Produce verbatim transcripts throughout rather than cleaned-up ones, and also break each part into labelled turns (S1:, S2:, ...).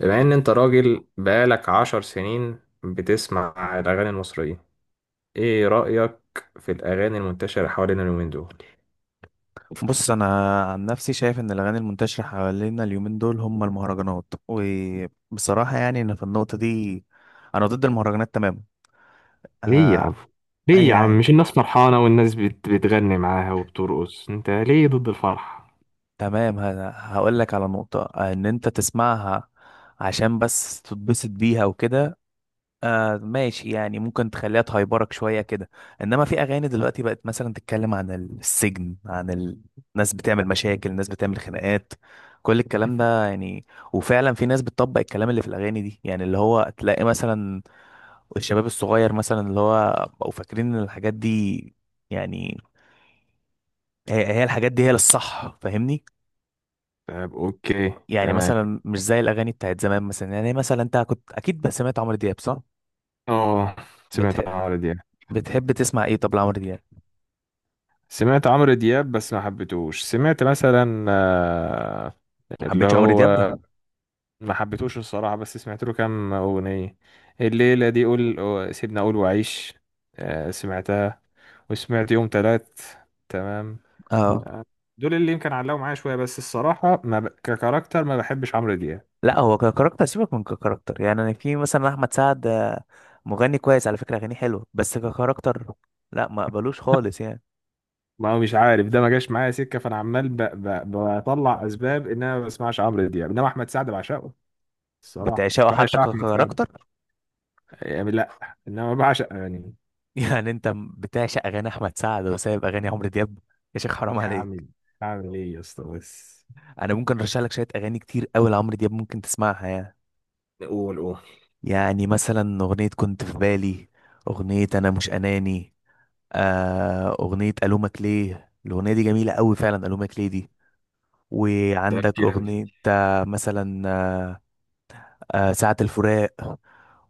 S1: بما ان انت راجل بقالك عشر سنين بتسمع الاغاني المصرية، ايه رأيك في الاغاني المنتشرة حوالينا اليومين دول؟
S2: بص، انا عن نفسي شايف ان الاغاني المنتشره حوالينا اليومين دول هم المهرجانات. وبصراحه، يعني انا في النقطه دي انا ضد المهرجانات تماما.
S1: ليه يا
S2: آه.
S1: عم ليه يا عم
S2: يعني
S1: مش الناس فرحانة والناس بت... بتغني معاها وبترقص، انت ليه ضد الفرح؟
S2: تمام. هقول لك على نقطه، آه، ان انت تسمعها عشان بس تتبسط بيها وكده. آه، ماشي. يعني ممكن تخليها تهيبرك شوية كده. انما في اغاني دلوقتي بقت مثلا تتكلم عن السجن، عن ال- الناس بتعمل مشاكل، الناس بتعمل خناقات، كل الكلام ده يعني. وفعلا في ناس بتطبق الكلام اللي في الاغاني دي، يعني اللي هو تلاقي مثلا الشباب الصغير مثلا اللي هو بقوا فاكرين ان الحاجات دي يعني هي هي الحاجات دي هي للصح. فاهمني؟
S1: طيب، اوكي.
S2: يعني
S1: تمام.
S2: مثلا مش زي الاغاني بتاعت زمان. مثلا يعني مثلا انت كنت اكيد بس سمعت عمرو دياب، صح؟
S1: اه، سمعت
S2: بتح...
S1: عمرو دياب
S2: بتحب تسمع ايه طب لعمرو دياب؟
S1: سمعت عمرو دياب بس ما حبيتهوش. سمعت مثلا آه،
S2: ما
S1: اللي
S2: حبيتش عمرو
S1: هو،
S2: دياب؟
S1: ما حبيتوش الصراحة، بس سمعت له كام أغنية. الليلة دي، قول أو- سيبنا أقول وعيش، آه، سمعتها. وسمعت يوم تلات. تمام.
S2: اه،
S1: دول اللي يمكن علقوا معايا شوية، بس الصراحة ما ب... ككاركتر ما بحبش عمرو دياب.
S2: لا هو ككاركتر، سيبك من ككاركتر. يعني أنا في مثلا احمد سعد، آه، مغني كويس على فكره، اغانيه حلوه، بس ككاركتر لا، ما اقبلوش خالص يعني.
S1: ما هو مش عارف، ده ما جاش معايا سكة، فأنا عمال ب... ب... بطلع أسباب إن أنا ما بسمعش عمرو دياب، إنما أحمد سعد بعشقه. الصراحة
S2: بتعشقه حتى
S1: بعشق أحمد سعد.
S2: ككاركتر؟
S1: يعني لأ، إنما بعشق يعني.
S2: يعني انت م- بتعشق اغاني احمد سعد وسايب اغاني عمرو دياب؟ يا شيخ حرام عليك.
S1: هعمل هعمل إيه يا اسطى بس؟
S2: انا ممكن ارشح لك شويه اغاني كتير قوي لعمرو دياب ممكن تسمعها يعني.
S1: قول قول.
S2: يعني مثلا اغنيه كنت في بالي، اغنيه انا مش اناني، آه اغنيه الومك ليه، الاغنيه دي جميله قوي فعلا الومك ليه دي.
S1: طب
S2: وعندك
S1: كام؟
S2: أغنية، آه، مثلا آه، ساعة الفراق.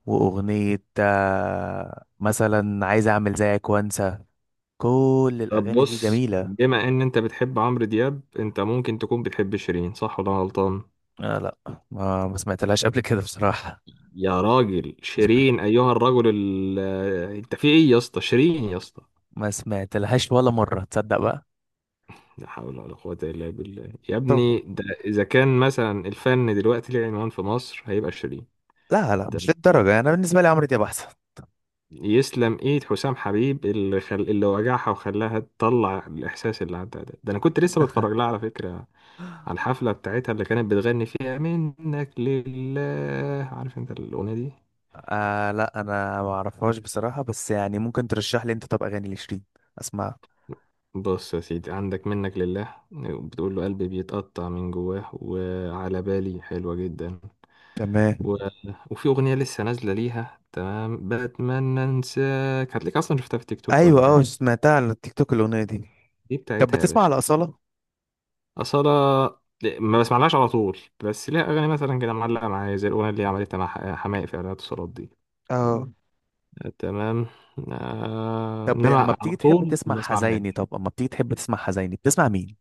S2: وأغنية، آه، مثلا عايز أعمل زيك وأنسى. كل
S1: طب
S2: الأغاني دي
S1: بص،
S2: جميلة.
S1: بما ان انت بتحب عمرو دياب، انت ممكن تكون بتحب شيرين، صح ولا أنا غلطان؟
S2: آه لا، ما ما سمعتلهاش قبل كده بصراحة.
S1: يا راجل،
S2: ما سمعت-
S1: شيرين! ايها الرجل ال... آه، انت في ايه يا اسطى؟ شيرين يا اسطى!
S2: ما سمعتلهاش ولا مرة، تصدق بقى؟
S1: لا حول ولا قوة الا بالله يا
S2: طب
S1: ابني، ده اذا كان مثلا الفن دلوقتي ليه عنوان في مصر هيبقى شيرين.
S2: لا لا، مش للدرجة، أنا بالنسبة لي عمرو دياب أحسن.
S1: يسلم ايد حسام حبيب اللي خل... اللي وجعها وخلاها تطلع الاحساس اللي عندها، ده ده انا كنت لسه بتفرج لها على فكره، على الحفله بتاعتها اللي كانت بتغني فيها منك لله. عارف انت الاغنيه دي؟
S2: آه لا، أنا ما أعرفهاش بصراحة، بس يعني ممكن ترشح لي أنت طب أغاني لشيرين أسمعها.
S1: بص يا سيدي، عندك منك لله، بتقول له قلبي بيتقطع من جواه، وعلى بالي حلوة جدا.
S2: تمام.
S1: و... وفي أغنية لسه نازلة ليها، تمام، بتمنى أنساك، هتلاقيك أصلا شفتها في تيك توك ولا
S2: أيوة، أه
S1: حاجة.
S2: سمعتها على التيك توك الأغنية دي.
S1: دي
S2: طب
S1: بتاعتها يا
S2: بتسمع
S1: باشا.
S2: على أصالة؟
S1: أصالة، ما بسمعلهاش على طول، بس ليها أغاني مثلا كده معلقة معايا، زي الأغنية اللي عملتها مع ح- حماقي في إعلانات الصالات دي.
S2: اه.
S1: آه، تمام. آه،
S2: طب اما
S1: إنما على
S2: بتيجي تحب
S1: طول
S2: تسمع
S1: ما
S2: حزيني،
S1: بسمعلهاش.
S2: طب اما بتيجي تحب تسمع حزيني بتسمع مين؟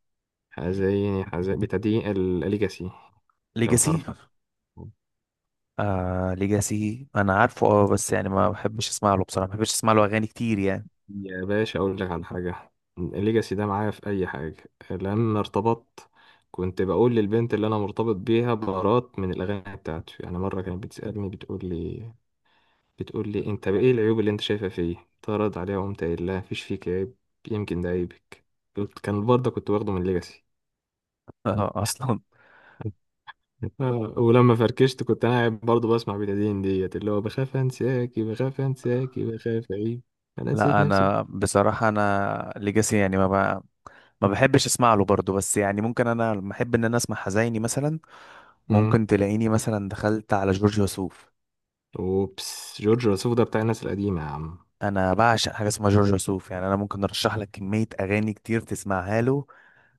S1: حزيني؟ حزين بتدين الليجاسي لو
S2: ليجاسي؟
S1: تعرف.
S2: آه ليجاسي انا عارفه، اه، بس يعني ما بحبش اسمع له بصراحه، ما بحبش اسمع له اغاني كتير يعني.
S1: يا باشا أقول لك على حاجة، الليجاسي ده معايا في أي حاجة. لما ارتبطت، كنت بقول للبنت اللي أنا مرتبط بيها بارات من الأغاني بتاعته. يعني مرة كانت بتسألني، بتقول لي بتقول لي انت بقى ايه العيوب اللي انت شايفها فيه؟ اتعرض عليها، وقمت قايل لها مفيش فيك عيب، يمكن ده عيبك. قلت- كان برضه كنت واخده من ليجاسي.
S2: اه، اصلا.
S1: آه، ولما فركشت كنت انا قاعد برضه بسمع بتادين ديت، اللي هو بخاف انساكي بخاف انساكي بخاف اعيب، انا نسيت
S2: لا
S1: نفسي.
S2: انا بصراحه انا ليجاسي يعني ما ب... ما بحبش اسمع له برضه، بس يعني ممكن انا لما احب ان انا اسمع حزيني مثلا،
S1: امم
S2: ممكن تلاقيني مثلا دخلت على جورج وسوف.
S1: اوبس، جورج وسوف ده بتاع الناس القديمه يا عم.
S2: انا بعشق حاجه اسمها جورج وسوف يعني. انا ممكن ارشح لك كميه اغاني كتير تسمعها له،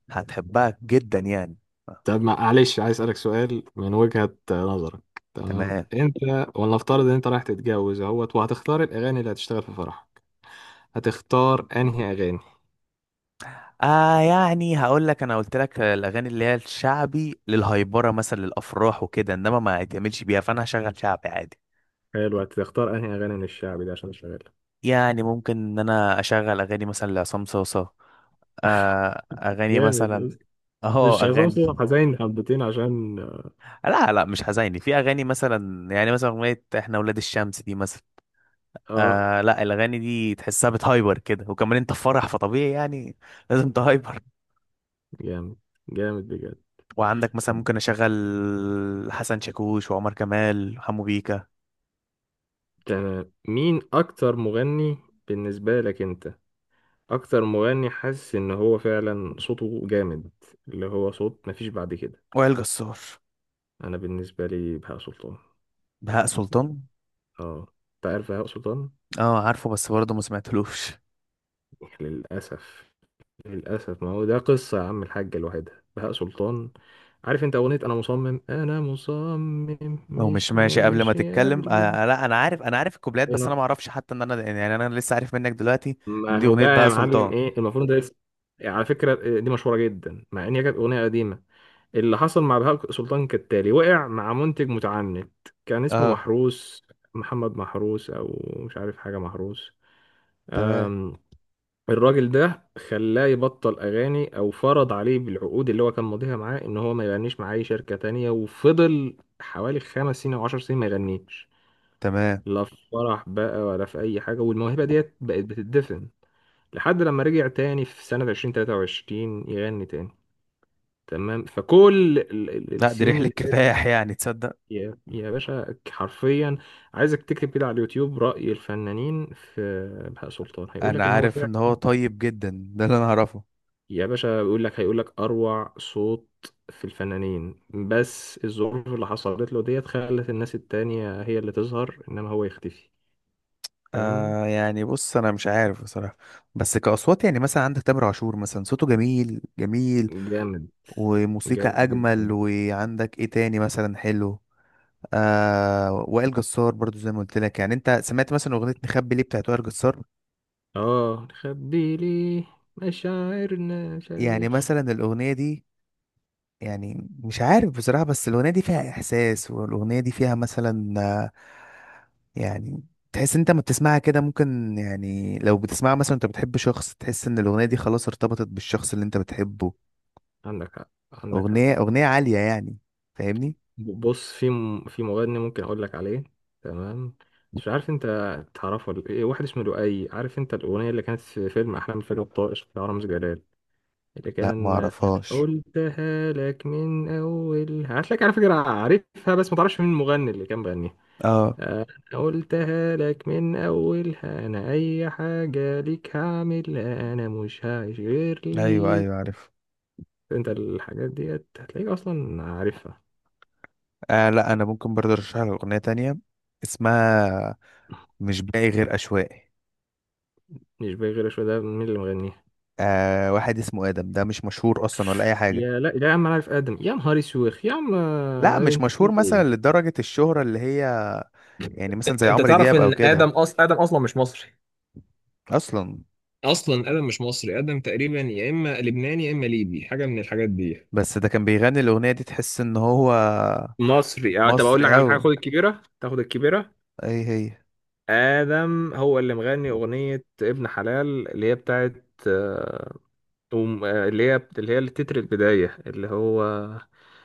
S2: هتحبها جدا يعني.
S1: طب ما- معلش، عايز اسالك سؤال من وجهه نظرك، تمام؟
S2: تمام.
S1: انت، ولنفترض ان انت رايح تتجوز اهوت وهتختار الاغاني اللي هتشتغل في فرحك، هتختار انهي اغاني؟
S2: آه يعني هقول لك، انا قلت لك الاغاني اللي هي الشعبي للهيبره مثلا للافراح وكده انما ما يتعملش بيها، فانا هشغل شعبي عادي.
S1: حلو، هتختار انهي اغاني من الشعبي دي عشان اشغلها؟
S2: يعني ممكن ان انا اشغل اغاني مثلا لعصام صوصه، آه اغاني
S1: جامد
S2: مثلا.
S1: يا اسطى.
S2: اهو
S1: مش عصام صاصا
S2: اغاني.
S1: حزين حبتين عشان؟
S2: لا لا، مش حزيني، في اغاني مثلا يعني مثلا اغنيه احنا ولاد الشمس دي مثلا.
S1: اه.
S2: آه لا، الاغاني دي تحسها بتهايبر كده، وكمان انت في فرح فطبيعي يعني لازم تهايبر.
S1: جامد. جامد بجد.
S2: وعندك مثلا ممكن اشغل حسن شاكوش وعمر كمال وحمو بيكا.
S1: تمام، مين اكتر مغني بالنسبة لك انت؟ اكتر مغني حاسس ان هو فعلا صوته جامد، اللي هو صوت مفيش بعد كده.
S2: وائل جسار.
S1: انا بالنسبة لي بهاء سلطان.
S2: بهاء سلطان؟
S1: اه. انت عارف بهاء سلطان؟
S2: اه عارفه، بس برضه ما سمعتلوش.
S1: للأسف. للأسف، ما هو ده قصة يا عم، الحاجة لوحدها بهاء سلطان. عارف انت أغنية أنا مصمم أنا مصمم
S2: لو مش
S1: مش
S2: ماشي قبل ما
S1: ماشي
S2: تتكلم،
S1: قبل؟
S2: آه لا انا عارف، انا عارف الكوبلات، بس
S1: أنا-
S2: انا ما اعرفش حتى ان انا يعني انا لسه عارف منك دلوقتي ان
S1: ما
S2: دي
S1: هو
S2: اغنيه
S1: بقى
S2: بهاء
S1: يا معلم،
S2: سلطان.
S1: إيه المفروض ده اسم؟ على فكرة إيه، دي مشهورة جدا، مع إن هي كانت أغنية قديمة. اللي حصل مع بهاء سلطان كالتالي، وقع مع منتج متعنت، كان اسمه
S2: اه.
S1: محروس، محمد محروس أو مش عارف حاجة محروس.
S2: تمام
S1: الراجل ده خلاه يبطل اغاني، او فرض عليه بالعقود اللي هو كان ماضيها معاه، ان هو ما يغنيش مع اي شركة تانية، وفضل حوالي خمس سنين او عشر سنين ما يغنيش.
S2: تمام.
S1: لا في فرح بقى، ولا في اي حاجة، والموهبة ديت بقت بتدفن، لحد لما رجع تاني في سنة ألفين وتلاتة وعشرين يغني تاني. تمام، فكل ال- ال-
S2: لا دي
S1: السنين
S2: رحله
S1: اللي فاتت،
S2: كفاح يعني تصدق.
S1: يا يا باشا حرفيا، عايزك تكتب كده على اليوتيوب رأي الفنانين في بهاء سلطان، هيقول لك
S2: انا
S1: ان هو،
S2: عارف ان هو طيب جدا، ده اللي انا اعرفه.
S1: يا باشا بيقول لك، هيقول لك اروع صوت في الفنانين، بس الظروف اللي حصلت له ديت خلت الناس التانية هي اللي تظهر انما هو يختفي. فاهمني؟
S2: آه يعني بص انا مش عارف بصراحه، بس كاصوات يعني مثلا عندك تامر عاشور مثلا صوته جميل جميل
S1: جامد.
S2: وموسيقى
S1: جامد
S2: اجمل.
S1: جدا.
S2: وعندك ايه تاني مثلا حلو؟ آه وائل جسار برضو زي ما قلت لك. يعني انت سمعت مثلا اغنيه نخبي ليه بتاعت وائل جسار؟
S1: اه نخبي ليه، مشاعرنا مش عارف ايه.
S2: يعني مثلا الاغنيه دي يعني مش عارف بصراحة، بس الأغنية دي فيها إحساس، والأغنية دي فيها مثلا، آه، يعني تحس انت ما بتسمعها كده ممكن يعني لو بتسمعها مثلا انت بتحب شخص تحس ان الأغنية دي خلاص ارتبطت بالشخص اللي انت بتحبه.
S1: عندك حق، عندك حق.
S2: أغنية أغنية عالية يعني. فاهمني؟
S1: بص، في م... في مغني ممكن اقول لك عليه، تمام؟ مش عارف انت تعرفه ولا ايه، واحد اسمه لؤي. عارف انت الاغنيه اللي كانت في فيلم احلام، الفيلم الطائش بتاع رامز جلال، اللي
S2: لا ما
S1: كان انا
S2: اعرفهاش.
S1: قلتها لك من اول، هتلاقيك؟ على فكره عارفها بس ما تعرفش مين المغني اللي كان بيغنيها.
S2: اه.
S1: انا قلتها لك من اولها، انا اي حاجه ليك هعملها، انا مش هعيش غير
S2: ايوه
S1: ليك.
S2: ايوه عارف.
S1: انت الحاجات ديت هتلاقيك اصلا عارفها.
S2: آه لا، انا ممكن برضه ارشح لك أغنية تانية، اسمها مش باقي غير أشواقي.
S1: مش باقي غير شويه، ده مين اللي مغنيها؟
S2: آه واحد اسمه آدم، ده مش مشهور أصلا ولا أي حاجة.
S1: يا لا لا يا عم، انا عارف ادم، يا نهار اسوخ يا عم.
S2: لا مش
S1: انت
S2: مشهور
S1: بتقول
S2: مثلا
S1: ايه؟
S2: لدرجة الشهرة اللي هي، يعني مثلا زي
S1: انت
S2: عمرو
S1: تعرف
S2: دياب او
S1: ان ادم
S2: كده.
S1: أص... ادم اصلا مش مصري؟
S2: اصلا؟
S1: اصلا ادم مش مصري. ادم تقريبا يا اما لبناني يا اما ليبي، حاجه من الحاجات دي.
S2: بس ده كان بيغني الاغنية دي تحس ان هو
S1: مصري؟ اه، طب اقول
S2: مصري
S1: لك على
S2: اوي.
S1: حاجه، خد الكبيره، تاخد الكبيره.
S2: اي هي؟
S1: ادم هو اللي مغني اغنيه ابن حلال، اللي هي بتاعت آه، أم- آه، اللي هي اللي هي التتر البدايه، اللي هو،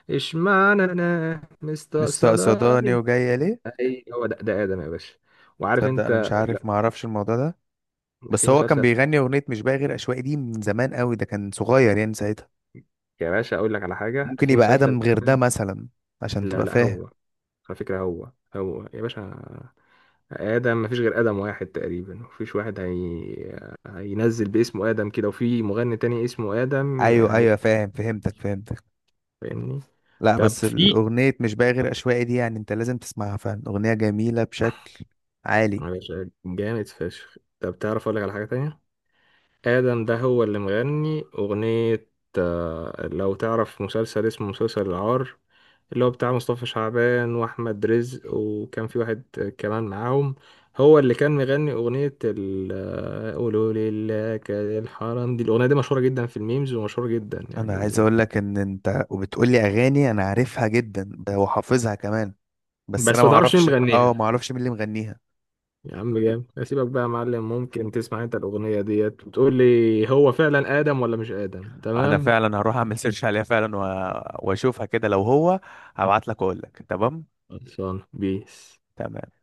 S1: اشمعنى انا
S2: مستقصداني
S1: مستقصداني.
S2: وجاية ليه.
S1: اي هو ده, ده ادم يا باشا. وعارف
S2: تصدق
S1: انت،
S2: انا مش
S1: لا،
S2: عارف، معرفش الموضوع ده،
S1: في
S2: بس هو كان
S1: مسلسل،
S2: بيغني اغنية مش باقي غير اشواقي دي من زمان اوي، ده كان صغير يعني ساعتها.
S1: يا باشا اقول لك على حاجه،
S2: ممكن
S1: في
S2: يبقى
S1: مسلسل.
S2: ادم غير ده مثلا، عشان
S1: لا
S2: تبقى
S1: لا،
S2: فاهم.
S1: هو، على فكره، هو هو يا باشا. آدم مفيش غير آدم واحد تقريبا، مفيش واحد هي... هينزل باسمه آدم كده وفي مغني تاني اسمه آدم
S2: ايوه
S1: يعني.
S2: ايوه فاهم، فهمتك فهمتك.
S1: فاهمني؟
S2: لا
S1: طب
S2: بس
S1: في،
S2: الاغنية مش باقي غير اشواقي دي يعني انت لازم تسمعها فعلا، اغنية جميلة بشكل عالي.
S1: معلش، جامد فشخ. طب تعرف أقول لك على حاجة تانية، آدم ده هو اللي مغني أغنية آه، لو تعرف مسلسل اسمه مسلسل العار، اللي هو بتاع مصطفى شعبان واحمد رزق، وكان في واحد كمان معاهم، هو اللي كان مغني اغنيه ال- آه، قولوا لله كده الحرام، دي الاغنيه دي مشهوره جدا في الميمز، ومشهوره جدا
S2: انا عايز
S1: يعني،
S2: اقول لك ان انت وبتقول لي اغاني انا عارفها جدا ده وحافظها كمان، بس انا
S1: بس
S2: ما
S1: ما تعرفش مين
S2: اعرفش، اه ما
S1: مغنيها.
S2: اعرفش مين اللي مغنيها.
S1: يا عم جامد، اسيبك بقى يا معلم، ممكن تسمع انت الاغنيه ديت وتقول لي هو فعلا ادم ولا مش ادم،
S2: انا
S1: تمام؟
S2: فعلا هروح اعمل سيرش عليها فعلا و... واشوفها كده، لو هو هبعت لك واقول لك. تمام.
S1: خلصان بيس.
S2: تمام.